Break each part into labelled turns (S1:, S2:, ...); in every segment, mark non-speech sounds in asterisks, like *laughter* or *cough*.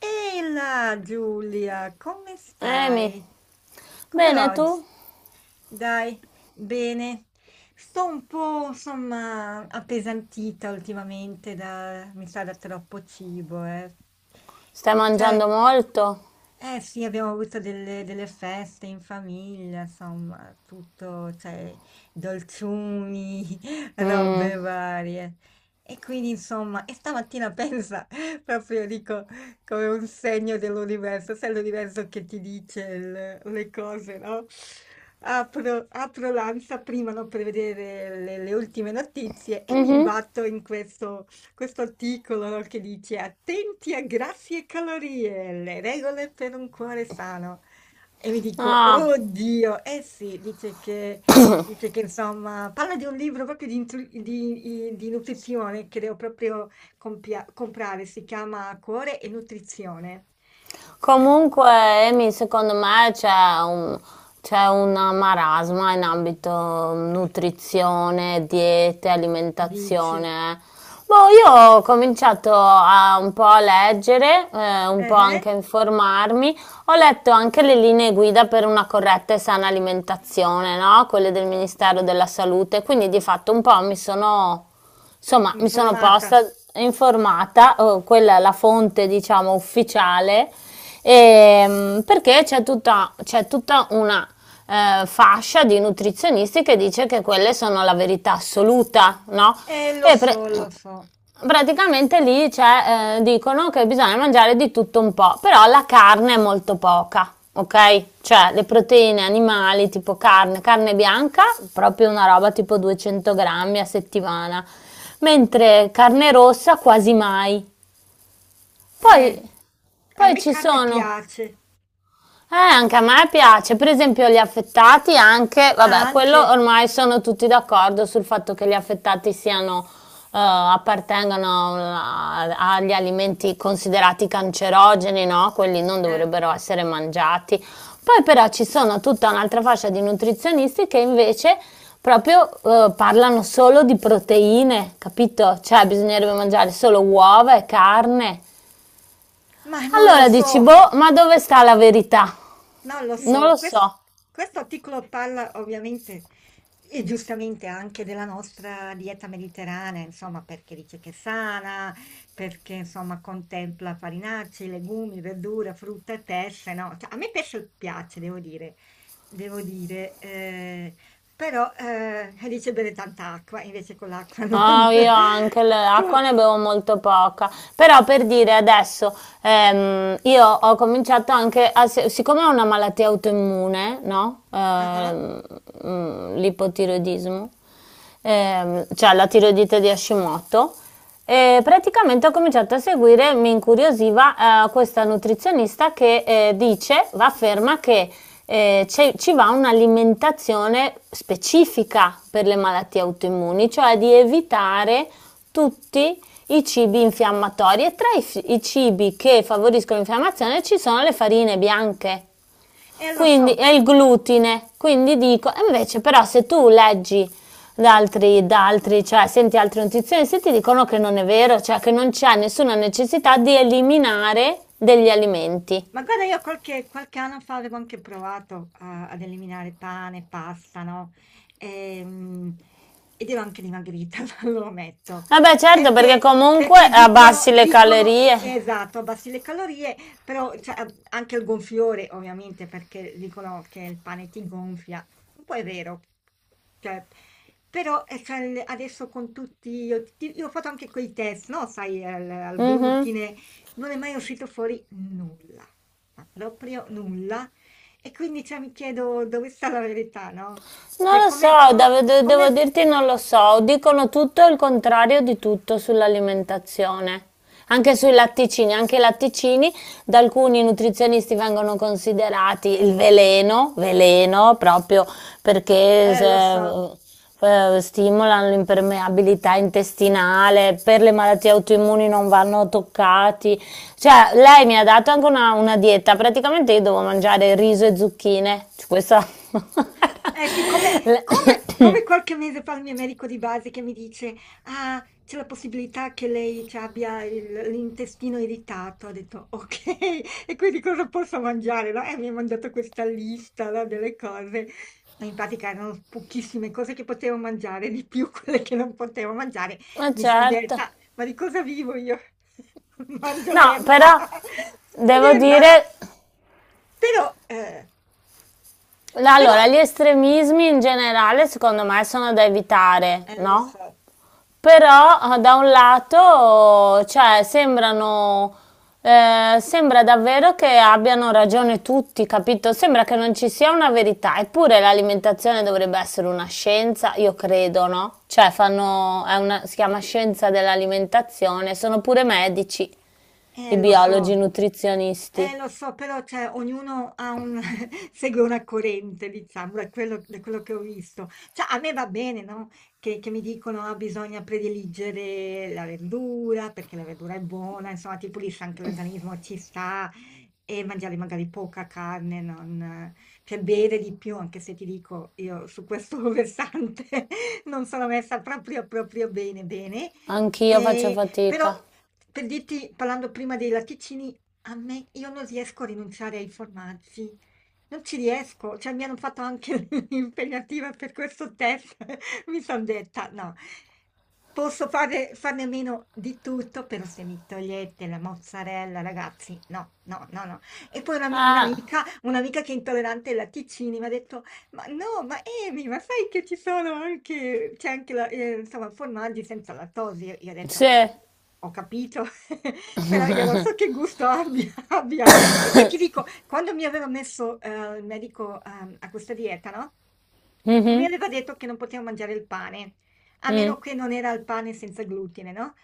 S1: Ehi là Giulia, come
S2: Amy,
S1: stai? Come
S2: bene
S1: va oggi?
S2: tu?
S1: Dai, bene. Sto un po', insomma, appesantita ultimamente da, mi sa, da troppo cibo, eh.
S2: Stai mangiando
S1: Cioè,
S2: molto?
S1: eh sì, abbiamo avuto delle feste in famiglia, insomma, tutto, cioè, dolciumi, *laughs*
S2: Mm.
S1: robe varie. E quindi, insomma, e stamattina pensa, *laughs* proprio dico come un segno dell'universo, sai l'universo che ti dice le cose, no? Apro l'ANSA prima no, per vedere le ultime notizie e mi imbatto in questo articolo no, che dice attenti a grassi e calorie, le regole per un cuore sano. E mi dico,
S2: Ah,
S1: oddio, eh sì, dice che insomma, parla di un libro proprio di, di nutrizione, creo proprio Compia comprare, si chiama Cuore e nutrizione. Eh,
S2: Comunque, Amy, secondo me un, c'è una marasma in ambito nutrizione, diete,
S1: dici.
S2: alimentazione. Boh, io ho cominciato a, un po' a leggere, un po'
S1: Eh-eh,
S2: anche a informarmi. Ho letto anche le linee guida per una corretta e sana alimentazione, no? Quelle del Ministero della Salute. Quindi di fatto un po' mi sono insomma, mi sono posta
S1: informata.
S2: informata, quella è la fonte, diciamo, ufficiale, perché c'è tutta una fascia di nutrizionisti che dice che quelle sono la verità assoluta, no? E pre-
S1: Lo so.
S2: Praticamente lì c'è, dicono che bisogna mangiare di tutto un po', però la carne è molto poca, ok? Cioè le proteine animali tipo carne, carne bianca, proprio una roba tipo 200 grammi a settimana, mentre carne rossa quasi mai.
S1: Eh,
S2: Poi,
S1: a
S2: poi
S1: me
S2: ci
S1: carne
S2: sono
S1: piace,
S2: anche a me piace, per esempio gli affettati anche, vabbè, quello
S1: anche,
S2: ormai sono tutti d'accordo sul fatto che gli affettati siano, appartengano agli alimenti considerati cancerogeni, no? Quelli non
S1: eh,
S2: dovrebbero essere mangiati. Poi però ci sono tutta un'altra fascia di nutrizionisti che invece proprio parlano solo di proteine, capito? Cioè bisognerebbe mangiare solo uova e carne.
S1: ma non lo
S2: Allora dici,
S1: so.
S2: boh, ma dove sta la verità?
S1: Non lo
S2: Non
S1: so,
S2: lo so.
S1: questo articolo parla ovviamente e giustamente anche della nostra dieta mediterranea, insomma, perché dice che è sana, perché insomma contempla farinacei, legumi, verdura, frutta e pesce, no? Cioè, a me pesce piace, devo dire, però dice bere tanta acqua, invece con l'acqua non...
S2: Ah, io anche
S1: *laughs*
S2: l'acqua
S1: con-
S2: ne bevo molto poca, però per dire adesso, io ho cominciato anche a, siccome è una malattia autoimmune, no?
S1: Ah, ah.
S2: L'ipotiroidismo, cioè la tiroidite di Hashimoto. E praticamente ho cominciato a seguire, mi incuriosiva questa nutrizionista che dice, afferma che ci va un'alimentazione specifica per le malattie autoimmuni, cioè di evitare tutti i cibi infiammatori e tra i cibi che favoriscono l'infiammazione ci sono le farine bianche.
S1: Lo
S2: Quindi
S1: so.
S2: è il glutine. Quindi dico, e invece però se tu leggi da altri, cioè senti altri nutrizionisti, ti dicono che non è vero, cioè che non c'è nessuna necessità di eliminare degli alimenti.
S1: Ma guarda, io qualche anno fa avevo anche provato a ad eliminare pane, pasta, no, ehm, ed ero anche dimagrita, *laughs* lo ammetto,
S2: Vabbè certo perché
S1: perché
S2: comunque
S1: dicono
S2: abbassi le
S1: dicono
S2: calorie.
S1: esatto, abbassi le calorie, però cioè, a anche il gonfiore ovviamente, perché dicono che il pane ti gonfia. Un po' è vero, cioè, però, cioè, il adesso con tutti io ho fatto anche quei test, no, sai, al
S2: Mhm.
S1: glutine non è mai uscito fuori nulla, ma proprio nulla. E quindi cioè, mi chiedo dove sta la verità, no? Cioè,
S2: Non lo so,
S1: come,
S2: devo
S1: come-
S2: dirti non lo so, dicono tutto il contrario di tutto sull'alimentazione, anche sui latticini, anche i latticini da alcuni nutrizionisti vengono considerati il veleno, veleno proprio perché
S1: lo so,
S2: se- eh, stimolano l'impermeabilità intestinale, per le malattie autoimmuni non vanno toccati, cioè lei mi ha dato anche una dieta, praticamente io devo mangiare riso e zucchine, cioè, questa... *laughs*
S1: eh sì,
S2: *coughs*
S1: come qualche mese fa il mio medico di base che mi dice: "Ah, c'è la possibilità che lei ci abbia il l'intestino irritato." Ho detto: "Okay, *laughs* e quindi cosa posso mangiare?" No, e mi ha mandato questa lista, no, delle cose, ma in pratica erano pochissime cose che potevo mangiare, di più quelle che non potevo mangiare.
S2: Ma
S1: Mi son
S2: certo.
S1: detta: "Ma di cosa vivo io? *laughs* Mangio
S2: No,
S1: l'erba, *laughs*
S2: però
S1: mangio
S2: devo
S1: l'erba", no.
S2: dire,
S1: Però, però
S2: allora, gli estremismi in generale secondo me sono da evitare,
S1: eh lo
S2: no?
S1: so,
S2: Però da un lato, cioè, sembrano, sembra davvero che abbiano ragione tutti, capito? Sembra che non ci sia una verità, eppure l'alimentazione dovrebbe essere una scienza, io credo, no? Cioè, fanno, è si chiama scienza dell'alimentazione, sono pure medici. I
S1: lo
S2: biologi, i
S1: so.
S2: nutrizionisti.
S1: Lo so, però cioè, ognuno ha un- *laughs* segue una corrente, diciamo, da quello che ho visto. Cioè, a me va bene, no? Che mi dicono ah, bisogna prediligere la verdura perché la verdura è buona, insomma, ti pulisce anche l'organismo, "Ah, ci sta, e mangiare magari poca carne, non, cioè bere di più, anche se ti dico io su questo *laughs* versante non sono messa proprio bene, bene.
S2: Anch'io faccio
S1: Eh, però,
S2: fatica.
S1: per dirti, parlando prima dei latticini, a me io non riesco a rinunciare ai formaggi, non ci riesco, cioè mi hanno fatto anche *laughs* l'impegnativa per questo test, *laughs* mi sono detta no, farne a meno di tutto, però se mi togliete la mozzarella, ragazzi, no, no, no, no. E poi
S2: Ah,
S1: un'amica, che è intollerante ai latticini mi ha detto, ma no, ma Emi, ma sai che ci sono anche, c'è anche la, insomma, formaggi senza lattosio? Io ho detto,
S2: sì.
S1: sì, ho capito. *laughs* Però io non so che gusto abbia *laughs* abbiano, perché ti dico, quando mi aveva messo, il medico, a questa dieta, no, mi
S2: Mhm,
S1: aveva detto che non potevo mangiare il pane, a
S2: mm,
S1: meno che non era il pane senza glutine, no?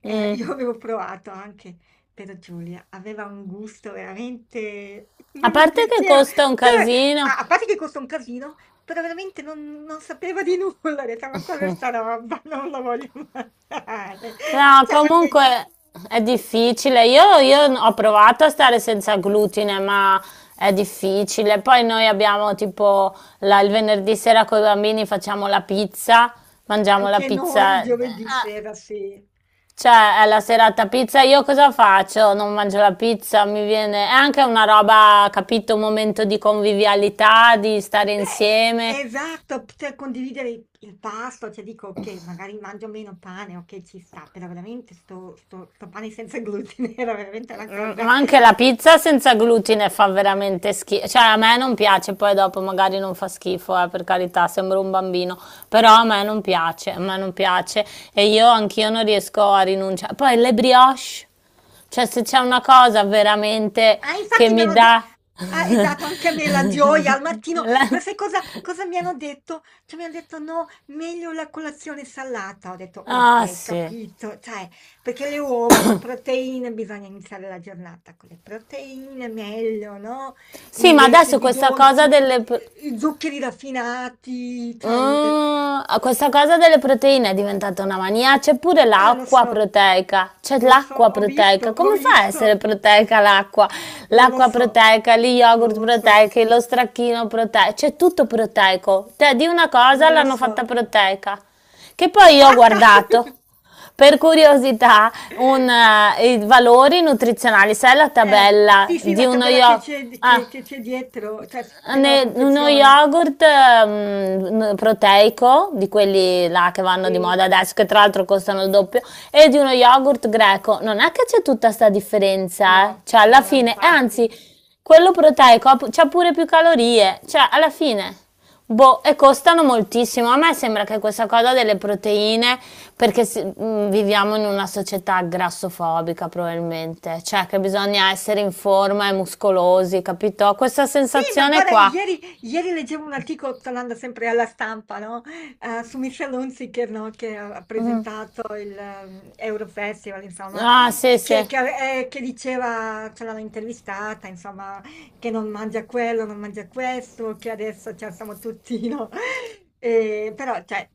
S1: *laughs*
S2: mm.
S1: Io avevo provato anche, però Giulia aveva un gusto veramente...
S2: A
S1: non mi
S2: parte che
S1: piaceva.
S2: costa un
S1: Cioè,
S2: casino.
S1: a parte che costa un casino, però veramente non sapeva di nulla. *laughs* Ho detto, ma cosa è sta roba? Non la voglio *laughs* mangiare.
S2: No,
S1: Cioè, a me
S2: comunque è difficile. Io ho provato a stare senza glutine, ma è difficile. Poi noi abbiamo tipo il venerdì sera con i bambini facciamo la pizza, mangiamo la
S1: anche
S2: pizza.
S1: noi giovedì
S2: Ah,
S1: sera, sì.
S2: cioè, è la serata pizza, io cosa faccio? Non mangio la pizza, mi viene... È anche una roba, capito, un momento di convivialità, di stare
S1: Beh,
S2: insieme.
S1: esatto, poter condividere il pasto, cioè dico, ok, magari mangio meno pane, ok, ci sta, però veramente sto pane senza glutine *laughs* era veramente una cosa...
S2: Ma anche la pizza senza
S1: ehm,
S2: glutine fa veramente schifo. Cioè, a me non piace, poi dopo magari non fa schifo, per carità, sembro un bambino. Però a me non piace, a me non piace. E io anch'io non riesco a rinunciare. Poi le brioche. Cioè, se c'è una cosa veramente
S1: ah,
S2: che
S1: infatti mi
S2: mi
S1: hanno de
S2: dà...
S1: ah,
S2: *laughs*
S1: esatto, anche a me la gioia al mattino,
S2: La-
S1: però sai cosa mi hanno detto? Cioè mi han detto: "No, meglio la colazione salata." Ho detto:
S2: Ah,
S1: "Okay,
S2: sì.
S1: capito." Cioè, perché le uova, no, proteine, bisogna iniziare la giornata con le proteine, meglio, no,
S2: Sì, ma
S1: invece
S2: adesso
S1: di
S2: questa
S1: dolci,
S2: cosa delle...
S1: i zuccheri raffinati, cioè il
S2: Ah, questa cosa delle proteine è diventata una mania. C'è pure
S1: lo
S2: l'acqua
S1: so,
S2: proteica. C'è l'acqua
S1: ho visto,
S2: proteica. Come fa a essere proteica l'acqua?
S1: non lo
S2: L'acqua
S1: so,
S2: proteica, gli
S1: non
S2: yogurt
S1: lo so,
S2: proteici, lo stracchino proteico. C'è tutto proteico. Te di una cosa
S1: non lo
S2: l'hanno
S1: so.
S2: fatta proteica. Che poi io ho
S1: Passa! *laughs*
S2: guardato per curiosità i valori nutrizionali. Sai la tabella
S1: Sì, sì, la
S2: di uno
S1: tabella che
S2: yogurt?
S1: c'è
S2: Ah,
S1: che c'è dietro, cioè c'è nella
S2: uno
S1: confezione.
S2: yogurt proteico, di quelli là che vanno di
S1: Sì,
S2: moda adesso, che tra l'altro costano il doppio, e di uno yogurt greco. Non è che c'è tutta sta differenza, eh.
S1: no,
S2: Cioè, alla
S1: no, no,
S2: fine, e
S1: infatti.
S2: anzi, quello proteico c'ha pure più calorie, cioè, alla fine. Boh, e costano moltissimo. A me sembra che questa cosa delle proteine, perché viviamo in una società grassofobica probabilmente, cioè che bisogna essere in forma e muscolosi, capito? Questa
S1: Sì, ma
S2: sensazione
S1: guarda,
S2: qua.
S1: ieri leggevo un articolo, tornando sempre alla stampa, no? Su Michel Hunziker, no? Che ha presentato il Eurofestival, insomma,
S2: Ah, sì,
S1: e
S2: sì.
S1: che, che diceva, ce l'hanno intervistata, insomma, che non mangia quello, non mangia questo, che adesso ci siamo tutti, no? *laughs* Però, cioè,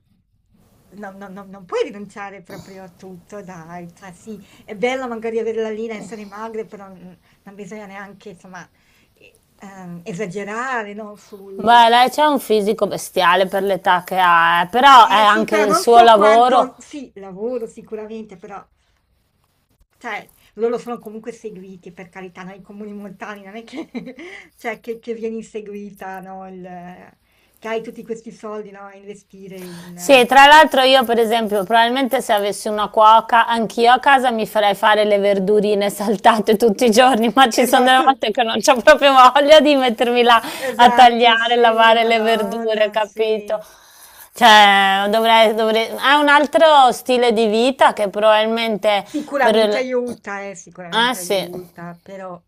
S1: non puoi rinunciare proprio a tutto, dai. Cioè, sì, è bello magari avere la linea, essere magre, però... mm, non bisogna neanche, insomma, esagerare, no, sul
S2: Beh, lei c'ha un fisico bestiale per l'età che ha, però è
S1: eh sì,
S2: anche
S1: però
S2: il
S1: non
S2: suo
S1: so
S2: lavoro.
S1: quanto sì, lavoro sicuramente, però cioè loro sono comunque seguiti, per carità, noi comuni montani non è che *laughs* cioè che vieni inseguita, no, il, che hai tutti questi soldi, no, a investire
S2: Sì,
S1: in...
S2: tra l'altro io per esempio, probabilmente se avessi una cuoca, anch'io a casa mi farei fare le verdurine saltate tutti i giorni, ma ci sono delle
S1: Esatto,
S2: volte che non c'ho proprio voglia di mettermi là a
S1: esatto,
S2: tagliare,
S1: sì,
S2: lavare le verdure,
S1: Madonna,
S2: capito?
S1: sì.
S2: Cioè, dovrei... È un altro stile di vita che probabilmente per il... Ah
S1: Sicuramente
S2: sì.
S1: aiuta, però...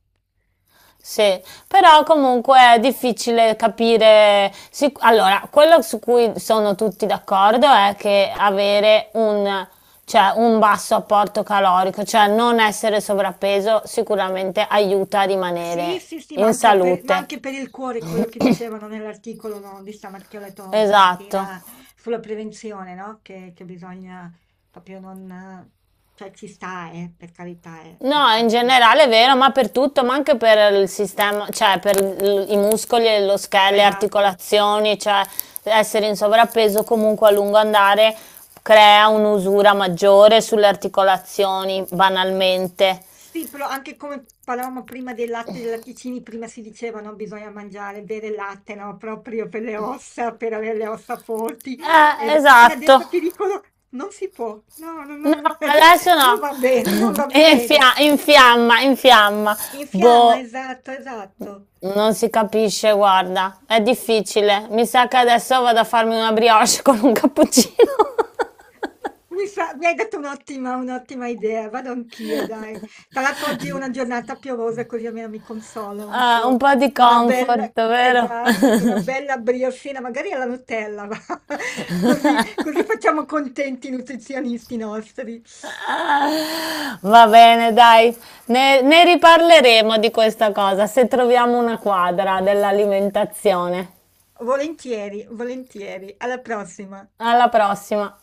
S2: Sì, però comunque è difficile capire. Allora, quello su cui sono tutti d'accordo è che avere cioè, un basso apporto calorico, cioè non essere sovrappeso, sicuramente aiuta a
S1: Sì,
S2: rimanere
S1: sì, sì,
S2: in
S1: ma
S2: salute.
S1: anche per il cuore,
S2: *coughs*
S1: quello che dicevano nell'articolo, no, di stamat che ho letto
S2: Esatto.
S1: stamattina sulla prevenzione, no, che bisogna proprio non cioè ci sta, per carità,
S2: No,
S1: perché
S2: in generale è vero, ma per tutto, ma anche per il sistema, cioè per i muscoli, lo scheletro, le
S1: esatto.
S2: articolazioni, cioè essere in sovrappeso comunque a lungo andare crea un'usura maggiore sulle articolazioni,
S1: S
S2: banalmente.
S1: sì, però anche come parlavamo prima del latte e dei latticini, prima si diceva, no, bisogna mangiare, bere il latte, no, proprio per le ossa, per avere le ossa forti ed e
S2: Esatto.
S1: adesso ti dicono: "Non si può, no, no,
S2: No,
S1: no, *laughs* guarda,
S2: adesso
S1: non
S2: no.
S1: va bene,
S2: *laughs*
S1: non va bene".
S2: Infiamma, infiamma.
S1: Infiamma,
S2: Boh,
S1: esatto, esatto.
S2: non si capisce, guarda, è difficile. Mi sa che adesso vado a farmi una brioche *laughs* con un cappuccino. *laughs*
S1: Mi hai dato un'ottima idea, vado anch'io, dai. Tra l'altro oggi è una giornata piovosa, così almeno mi consolo un
S2: Ah, un
S1: po'.
S2: po' di
S1: Con una bella,
S2: comfort, vero?
S1: esatto, con una bella briochina, magari alla Nutella, va. *laughs* Così, così
S2: *laughs*
S1: facciamo contenti i nutrizionisti nostri.
S2: Va bene, dai, ne riparleremo di questa cosa se troviamo una quadra dell'alimentazione.
S1: Volentieri, volentieri. Alla prossima.
S2: Alla prossima.